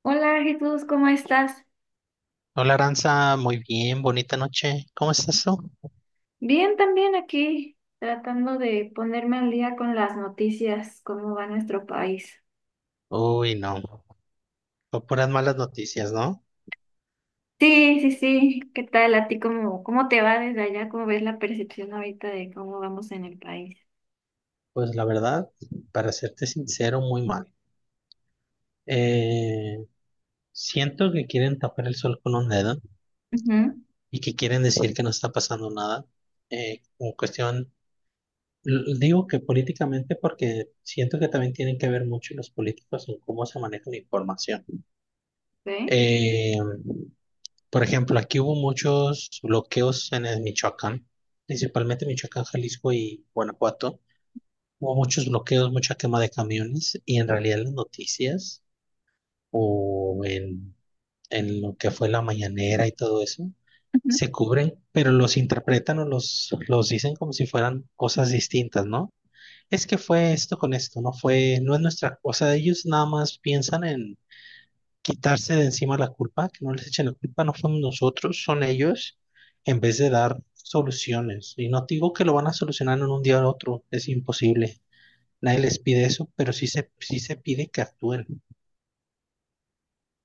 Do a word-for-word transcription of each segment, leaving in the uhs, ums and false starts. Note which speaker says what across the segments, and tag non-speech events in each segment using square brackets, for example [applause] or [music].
Speaker 1: Hola Jesús, ¿cómo estás?
Speaker 2: Hola Aranza, muy bien, bonita noche. ¿Cómo estás tú?
Speaker 1: Bien, también aquí tratando de ponerme al día con las noticias, cómo va nuestro país.
Speaker 2: Uy, no, no puras malas noticias, ¿no?
Speaker 1: Sí, sí, sí, ¿qué tal a ti? ¿Cómo, cómo te va desde allá? ¿Cómo ves la percepción ahorita de cómo vamos en el país?
Speaker 2: Pues la verdad, para serte sincero, muy mal. Eh, siento que quieren tapar el sol con un dedo
Speaker 1: Ujú.
Speaker 2: y que quieren decir que no está pasando nada. Eh, en cuestión, l- digo que políticamente porque siento que también tienen que ver mucho los políticos en cómo se maneja la información.
Speaker 1: ¿Sí?
Speaker 2: Eh, por ejemplo, aquí hubo muchos bloqueos en el Michoacán, principalmente Michoacán, Jalisco y Guanajuato. Hubo muchos bloqueos, mucha quema de camiones y en realidad en las noticias o en, en lo que fue la mañanera y todo eso,
Speaker 1: Ujú.
Speaker 2: se cubren, pero los interpretan o los, los dicen como si fueran cosas distintas, ¿no? Es que fue esto con esto, no fue, no es nuestra, o sea, ellos nada más piensan en quitarse de encima la culpa, que no les echen la culpa, no son nosotros, son ellos, en vez de dar soluciones. Y no digo que lo van a solucionar en un día o otro, es imposible. Nadie les pide eso, pero sí se, sí se pide que actúen.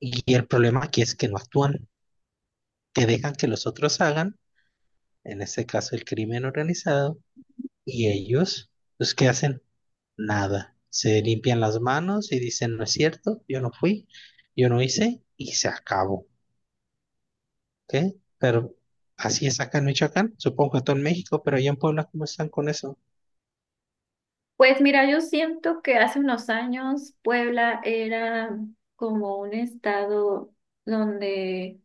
Speaker 2: Y el problema aquí es que no actúan, que dejan que los otros hagan, en este caso el crimen organizado, y ellos, ¿los que hacen? Nada. Se limpian las manos y dicen, no es cierto, yo no fui, yo no hice, y se acabó. ¿Ok? Pero así es acá en Michoacán, supongo que todo en México, pero allá en Puebla, ¿cómo están con eso?
Speaker 1: Pues mira, yo siento que hace unos años Puebla era como un estado donde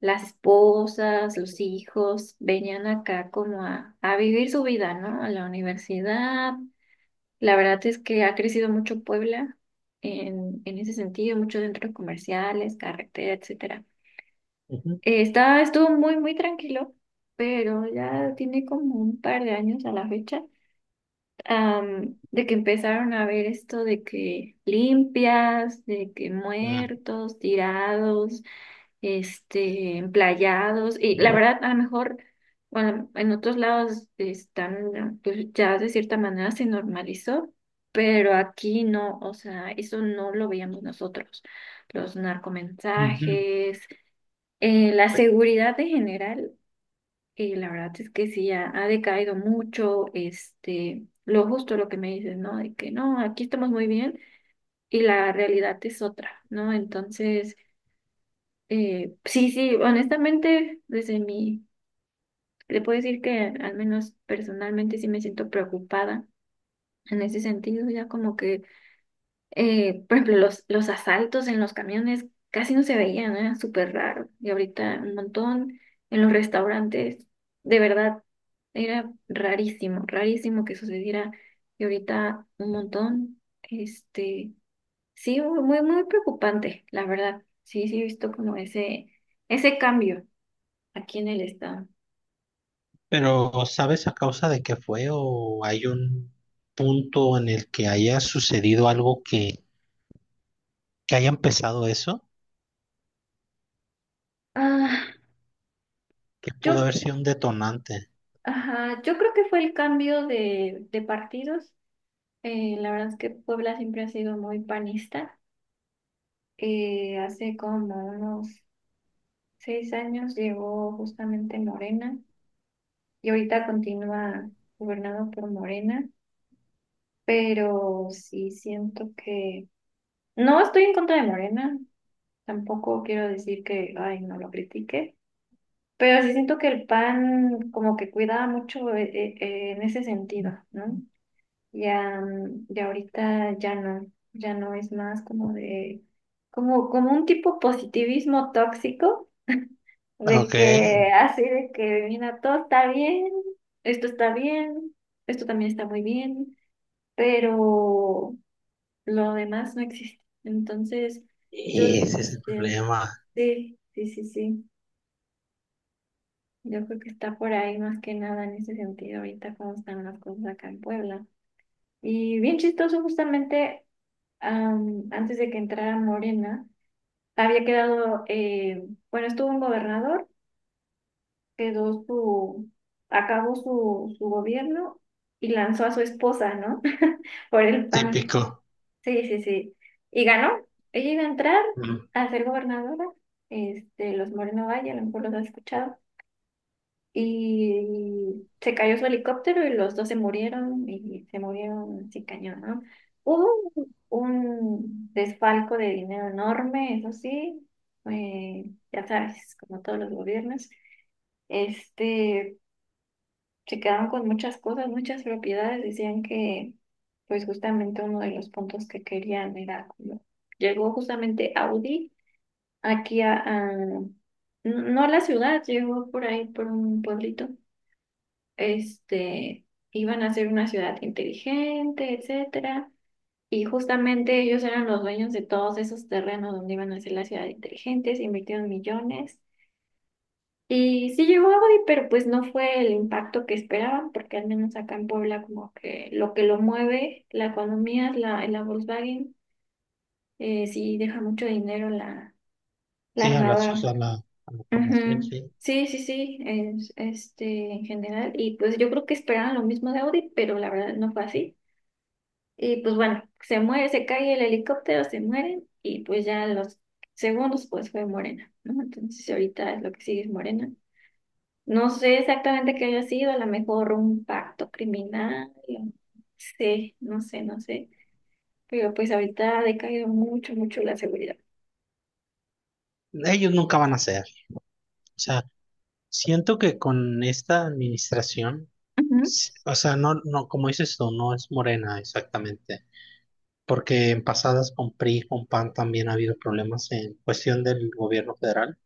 Speaker 1: las esposas, los hijos, venían acá como a, a vivir su vida, ¿no? A la universidad. La verdad es que ha crecido mucho Puebla en, en ese sentido, muchos centros comerciales, carretera, etcétera.
Speaker 2: Ujú.
Speaker 1: Eh, está, estuvo muy, muy tranquilo, pero ya tiene como un par de años a la fecha, am, de que empezaron a ver esto de que limpias, de que
Speaker 2: Mm.
Speaker 1: muertos, tirados, este, emplayados. Y la verdad, a lo mejor, bueno, en otros lados están, pues ya de cierta manera se normalizó, pero aquí no, o sea, eso no lo veíamos nosotros, los
Speaker 2: Ujú.
Speaker 1: narcomensajes, eh, la seguridad en general. Y la verdad es que sí, ha, ha decaído mucho, este, lo justo lo que me dices, ¿no? De que no, aquí estamos muy bien y la realidad es otra, ¿no? Entonces, eh, sí, sí, honestamente, desde mi, le puedo decir que al menos personalmente sí me siento preocupada en ese sentido, ya como que. Eh, por ejemplo, los, los asaltos en los camiones casi no se veían, era súper raro. Y ahorita un montón en los restaurantes, de verdad, era rarísimo, rarísimo que sucediera. Y ahorita un montón, este, sí, muy, muy muy preocupante, la verdad. Sí, sí, he visto como ese, ese cambio aquí en el estado.
Speaker 2: Pero ¿sabes a causa de qué fue o hay un punto en el que haya sucedido algo que, que haya empezado eso?
Speaker 1: Ah,
Speaker 2: Que pudo
Speaker 1: yo,
Speaker 2: haber sido un detonante.
Speaker 1: ajá, yo creo que fue el cambio de, de partidos. Eh, la verdad es que Puebla siempre ha sido muy panista. Eh, hace como unos seis años llegó justamente Morena y ahorita continúa gobernado por Morena, pero sí siento que no estoy en contra de Morena, tampoco quiero decir que, ay, no lo critique, pero sí siento que el P A N como que cuidaba mucho, eh, eh, eh, en ese sentido, ¿no? Ya, mm, ya ahorita ya no, ya no es más como de, como, como un tipo positivismo tóxico
Speaker 2: Ok.
Speaker 1: de que así, de que mira, todo está bien, esto está bien, esto también está muy bien, pero lo demás no existe. Entonces, yo
Speaker 2: Y ese es el
Speaker 1: siento,
Speaker 2: problema
Speaker 1: sí, sí, sí, sí, yo creo que está por ahí más que nada en ese sentido ahorita cómo están las cosas acá en Puebla. Y bien chistoso, justamente, am, antes de que entrara Morena, había quedado, eh, bueno, estuvo un gobernador, quedó su, acabó su, su gobierno y lanzó a su esposa, ¿no? [laughs] Por el P A N.
Speaker 2: típico.
Speaker 1: Sí, sí, sí. Y ganó. Ella iba a entrar
Speaker 2: Mm.
Speaker 1: a ser gobernadora. Este, los Moreno Valle, a lo mejor los has escuchado. Y se cayó su helicóptero y los dos se murieron y se murieron sin cañón, ¿no? Hubo un desfalco de dinero enorme, eso sí, eh, ya sabes, como todos los gobiernos. Este, se quedaron con muchas cosas, muchas propiedades. Decían que, pues justamente uno de los puntos que querían era como, llegó justamente Audi aquí a, a- n- no a la ciudad, llegó por ahí, por un pueblito. Este, iban a ser una ciudad inteligente, etcétera. Y justamente ellos eran los dueños de todos esos terrenos donde iban a ser la ciudad inteligente, se invirtieron millones. Y sí llegó hoy, pero pues no fue el impacto que esperaban, porque al menos acá en Puebla como que lo que lo mueve la economía es la, la Volkswagen. eh, sí deja mucho dinero la, la
Speaker 2: Sí, a la, o
Speaker 1: armadora.
Speaker 2: sea, a la, a la, población,
Speaker 1: Ujú.
Speaker 2: sí.
Speaker 1: Sí, sí, sí, es- este, en general. Y pues yo creo que esperaban lo mismo de Audi, pero la verdad no fue así. Y pues bueno, se muere, se cae el helicóptero, se mueren y pues ya los segundos pues fue Morena, ¿no? Entonces ahorita lo que sigue es Morena. No sé exactamente qué haya sido, a lo mejor un pacto criminal, o- sí, no sé, no sé. Pero pues ahorita ha decaído mucho, mucho la seguridad.
Speaker 2: Ellos nunca van a ser. O sea, siento que con esta administración.
Speaker 1: Ujú.
Speaker 2: Sí, o sea, no, no, como dices tú, no es morena exactamente, porque en pasadas con PRI, con PAN también ha habido problemas en cuestión del gobierno federal.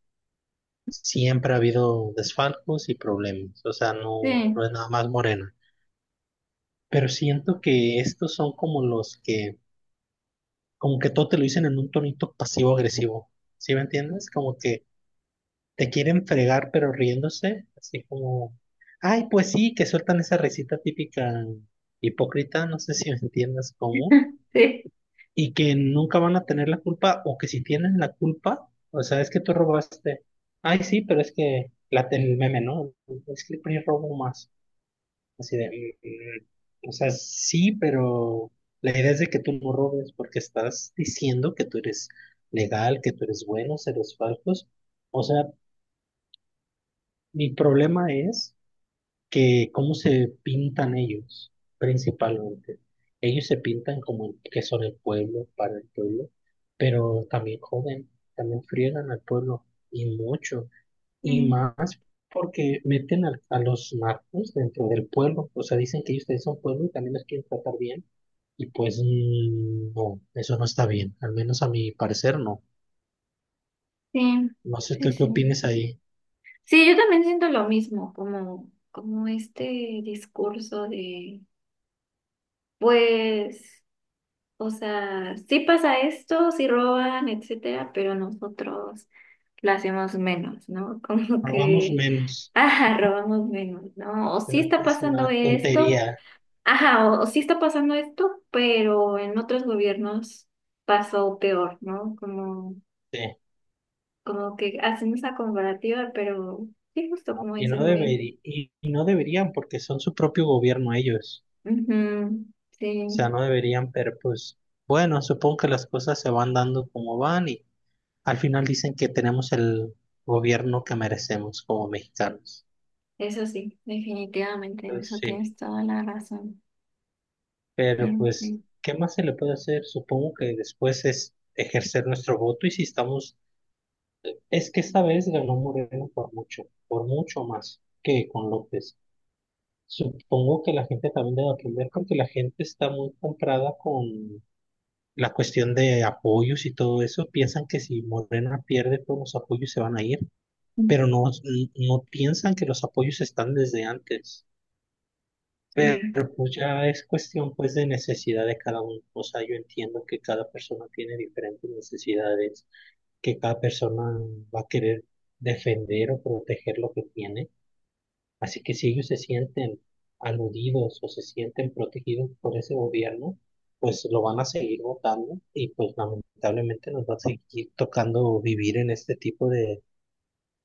Speaker 2: Siempre ha habido desfalcos y problemas, o sea, no,
Speaker 1: Sí.
Speaker 2: no es nada más morena. Pero siento que estos son como los que, como que todo te lo dicen en un tonito pasivo-agresivo, ¿sí me entiendes? Como que te quieren fregar pero riéndose, así como, ay, pues sí, que sueltan esa recita típica hipócrita, no sé si me entiendes cómo.
Speaker 1: [laughs] Sí,
Speaker 2: Y que nunca van a tener la culpa o que si tienen la culpa, o sea, es que tú robaste. Ay, sí, pero es que la, el meme, ¿no? Es que el PRI robó más. Así de, mm, o sea, sí, pero la idea es de que tú no robes porque estás diciendo que tú eres legal, que tú eres bueno, seres falsos. O sea, mi problema es que cómo se pintan ellos, principalmente. Ellos se pintan como el- que son el pueblo, para el pueblo, pero también joden, también friegan al pueblo, y mucho, y
Speaker 1: sí,
Speaker 2: más porque meten a, a los narcos dentro del pueblo, o sea, dicen que ellos también son pueblo y también los quieren tratar bien, y pues mm, no, eso no está bien, al menos a mi parecer no.
Speaker 1: sí,
Speaker 2: No sé
Speaker 1: sí,
Speaker 2: tú qué
Speaker 1: sí.
Speaker 2: opinas ahí.
Speaker 1: Sí, yo también siento lo mismo, como, como este discurso de, pues, o sea, sí pasa esto, sí roban, etcétera, pero nosotros lo hacemos menos, ¿no? [laughs] Como
Speaker 2: Hagamos
Speaker 1: que,
Speaker 2: menos,
Speaker 1: ajá, robamos menos, ¿no? O
Speaker 2: es
Speaker 1: sí
Speaker 2: una
Speaker 1: está
Speaker 2: es
Speaker 1: pasando
Speaker 2: una
Speaker 1: esto,
Speaker 2: tontería.
Speaker 1: ajá, o, o sí está pasando esto, pero en otros gobiernos pasó peor, ¿no? Como,
Speaker 2: Sí.
Speaker 1: como que hacen esa comparativa, pero sí, justo
Speaker 2: ¿No?
Speaker 1: como
Speaker 2: Y
Speaker 1: dices,
Speaker 2: no
Speaker 1: muy, bien.
Speaker 2: deberí- y y no deberían porque son su propio gobierno ellos.
Speaker 1: Ujú,
Speaker 2: O sea,
Speaker 1: sí,
Speaker 2: no deberían, pero pues bueno, supongo que las cosas se van dando como van y al final dicen que tenemos el gobierno que merecemos como mexicanos.
Speaker 1: eso sí, definitivamente, en
Speaker 2: Entonces,
Speaker 1: eso
Speaker 2: sí,
Speaker 1: tienes toda la razón.
Speaker 2: pero pues,
Speaker 1: Ujú.
Speaker 2: ¿qué más se le puede hacer? Supongo que después es ejercer nuestro voto y si estamos, es que esta vez ganó Moreno por mucho, por mucho más que con López. Supongo que la gente también debe aprender porque la gente está muy comprada con la cuestión de apoyos y todo eso, piensan que si Morena pierde todos los apoyos se van a ir, pero no, n- no piensan que los apoyos están desde antes.
Speaker 1: Sí,
Speaker 2: Pero pues ya es cuestión pues de necesidad de cada uno. O sea, yo entiendo que cada persona tiene diferentes necesidades, que cada persona va a querer defender o proteger lo que tiene. Así que si ellos se sienten aludidos o se sienten protegidos por ese gobierno, pues lo van a seguir votando y pues lamentablemente nos va a seguir tocando vivir en este tipo de,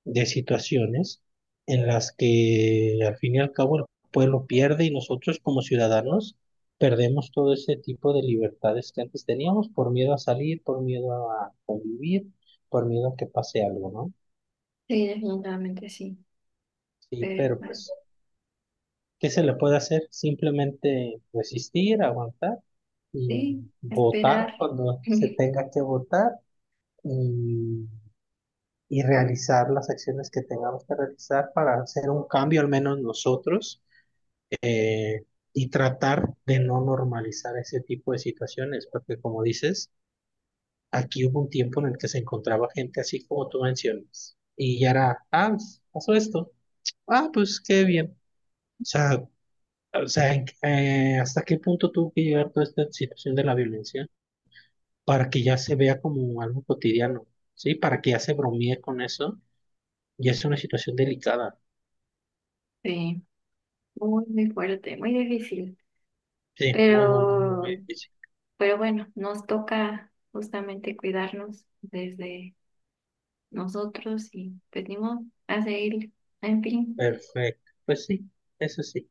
Speaker 2: de situaciones en las que al fin y al cabo el pueblo pierde y nosotros como ciudadanos perdemos todo ese tipo de libertades que antes teníamos por miedo a salir, por miedo a vivir, por miedo a que pase algo, ¿no?
Speaker 1: sí, definitivamente sí,
Speaker 2: Sí,
Speaker 1: pero
Speaker 2: pero
Speaker 1: bueno,
Speaker 2: pues ¿qué se le puede hacer? Simplemente resistir, aguantar y
Speaker 1: sí,
Speaker 2: votar
Speaker 1: esperar.
Speaker 2: cuando se
Speaker 1: [laughs]
Speaker 2: tenga que votar y, y realizar las acciones que tengamos que realizar para hacer un cambio, al menos nosotros, eh, y tratar de no normalizar ese tipo de situaciones, porque como dices, aquí hubo un tiempo en el que se encontraba gente así como tú mencionas, y ya era, ah, pues, pasó esto, ah, pues qué bien. O sea, O sea, ¿en- eh, ¿hasta qué punto tuvo que llegar toda esta situación de la violencia para que ya se vea como algo cotidiano? ¿Sí? Para que ya se bromee con eso. Ya es una situación delicada.
Speaker 1: Sí. Muy, muy fuerte, muy difícil.
Speaker 2: Sí, muy, muy, muy, muy, muy
Speaker 1: Pero,
Speaker 2: difícil.
Speaker 1: pero bueno, nos toca justamente cuidarnos desde nosotros y pues ni modo, a seguir. En fin,
Speaker 2: Perfecto. Pues sí, eso sí.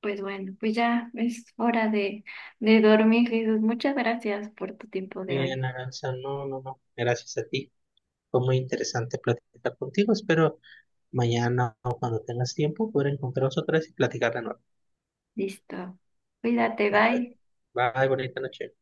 Speaker 1: pues bueno, pues ya es hora de, de dormir, Jesús. Muchas gracias por tu tiempo de
Speaker 2: Bien,
Speaker 1: hoy.
Speaker 2: Aranza. No, no, no. Gracias a ti. Fue muy interesante platicar contigo. Espero mañana o cuando tengas tiempo poder encontrarnos otra vez y platicar de nuevo.
Speaker 1: Listo. Cuídate, bye.
Speaker 2: Bye, bonita noche.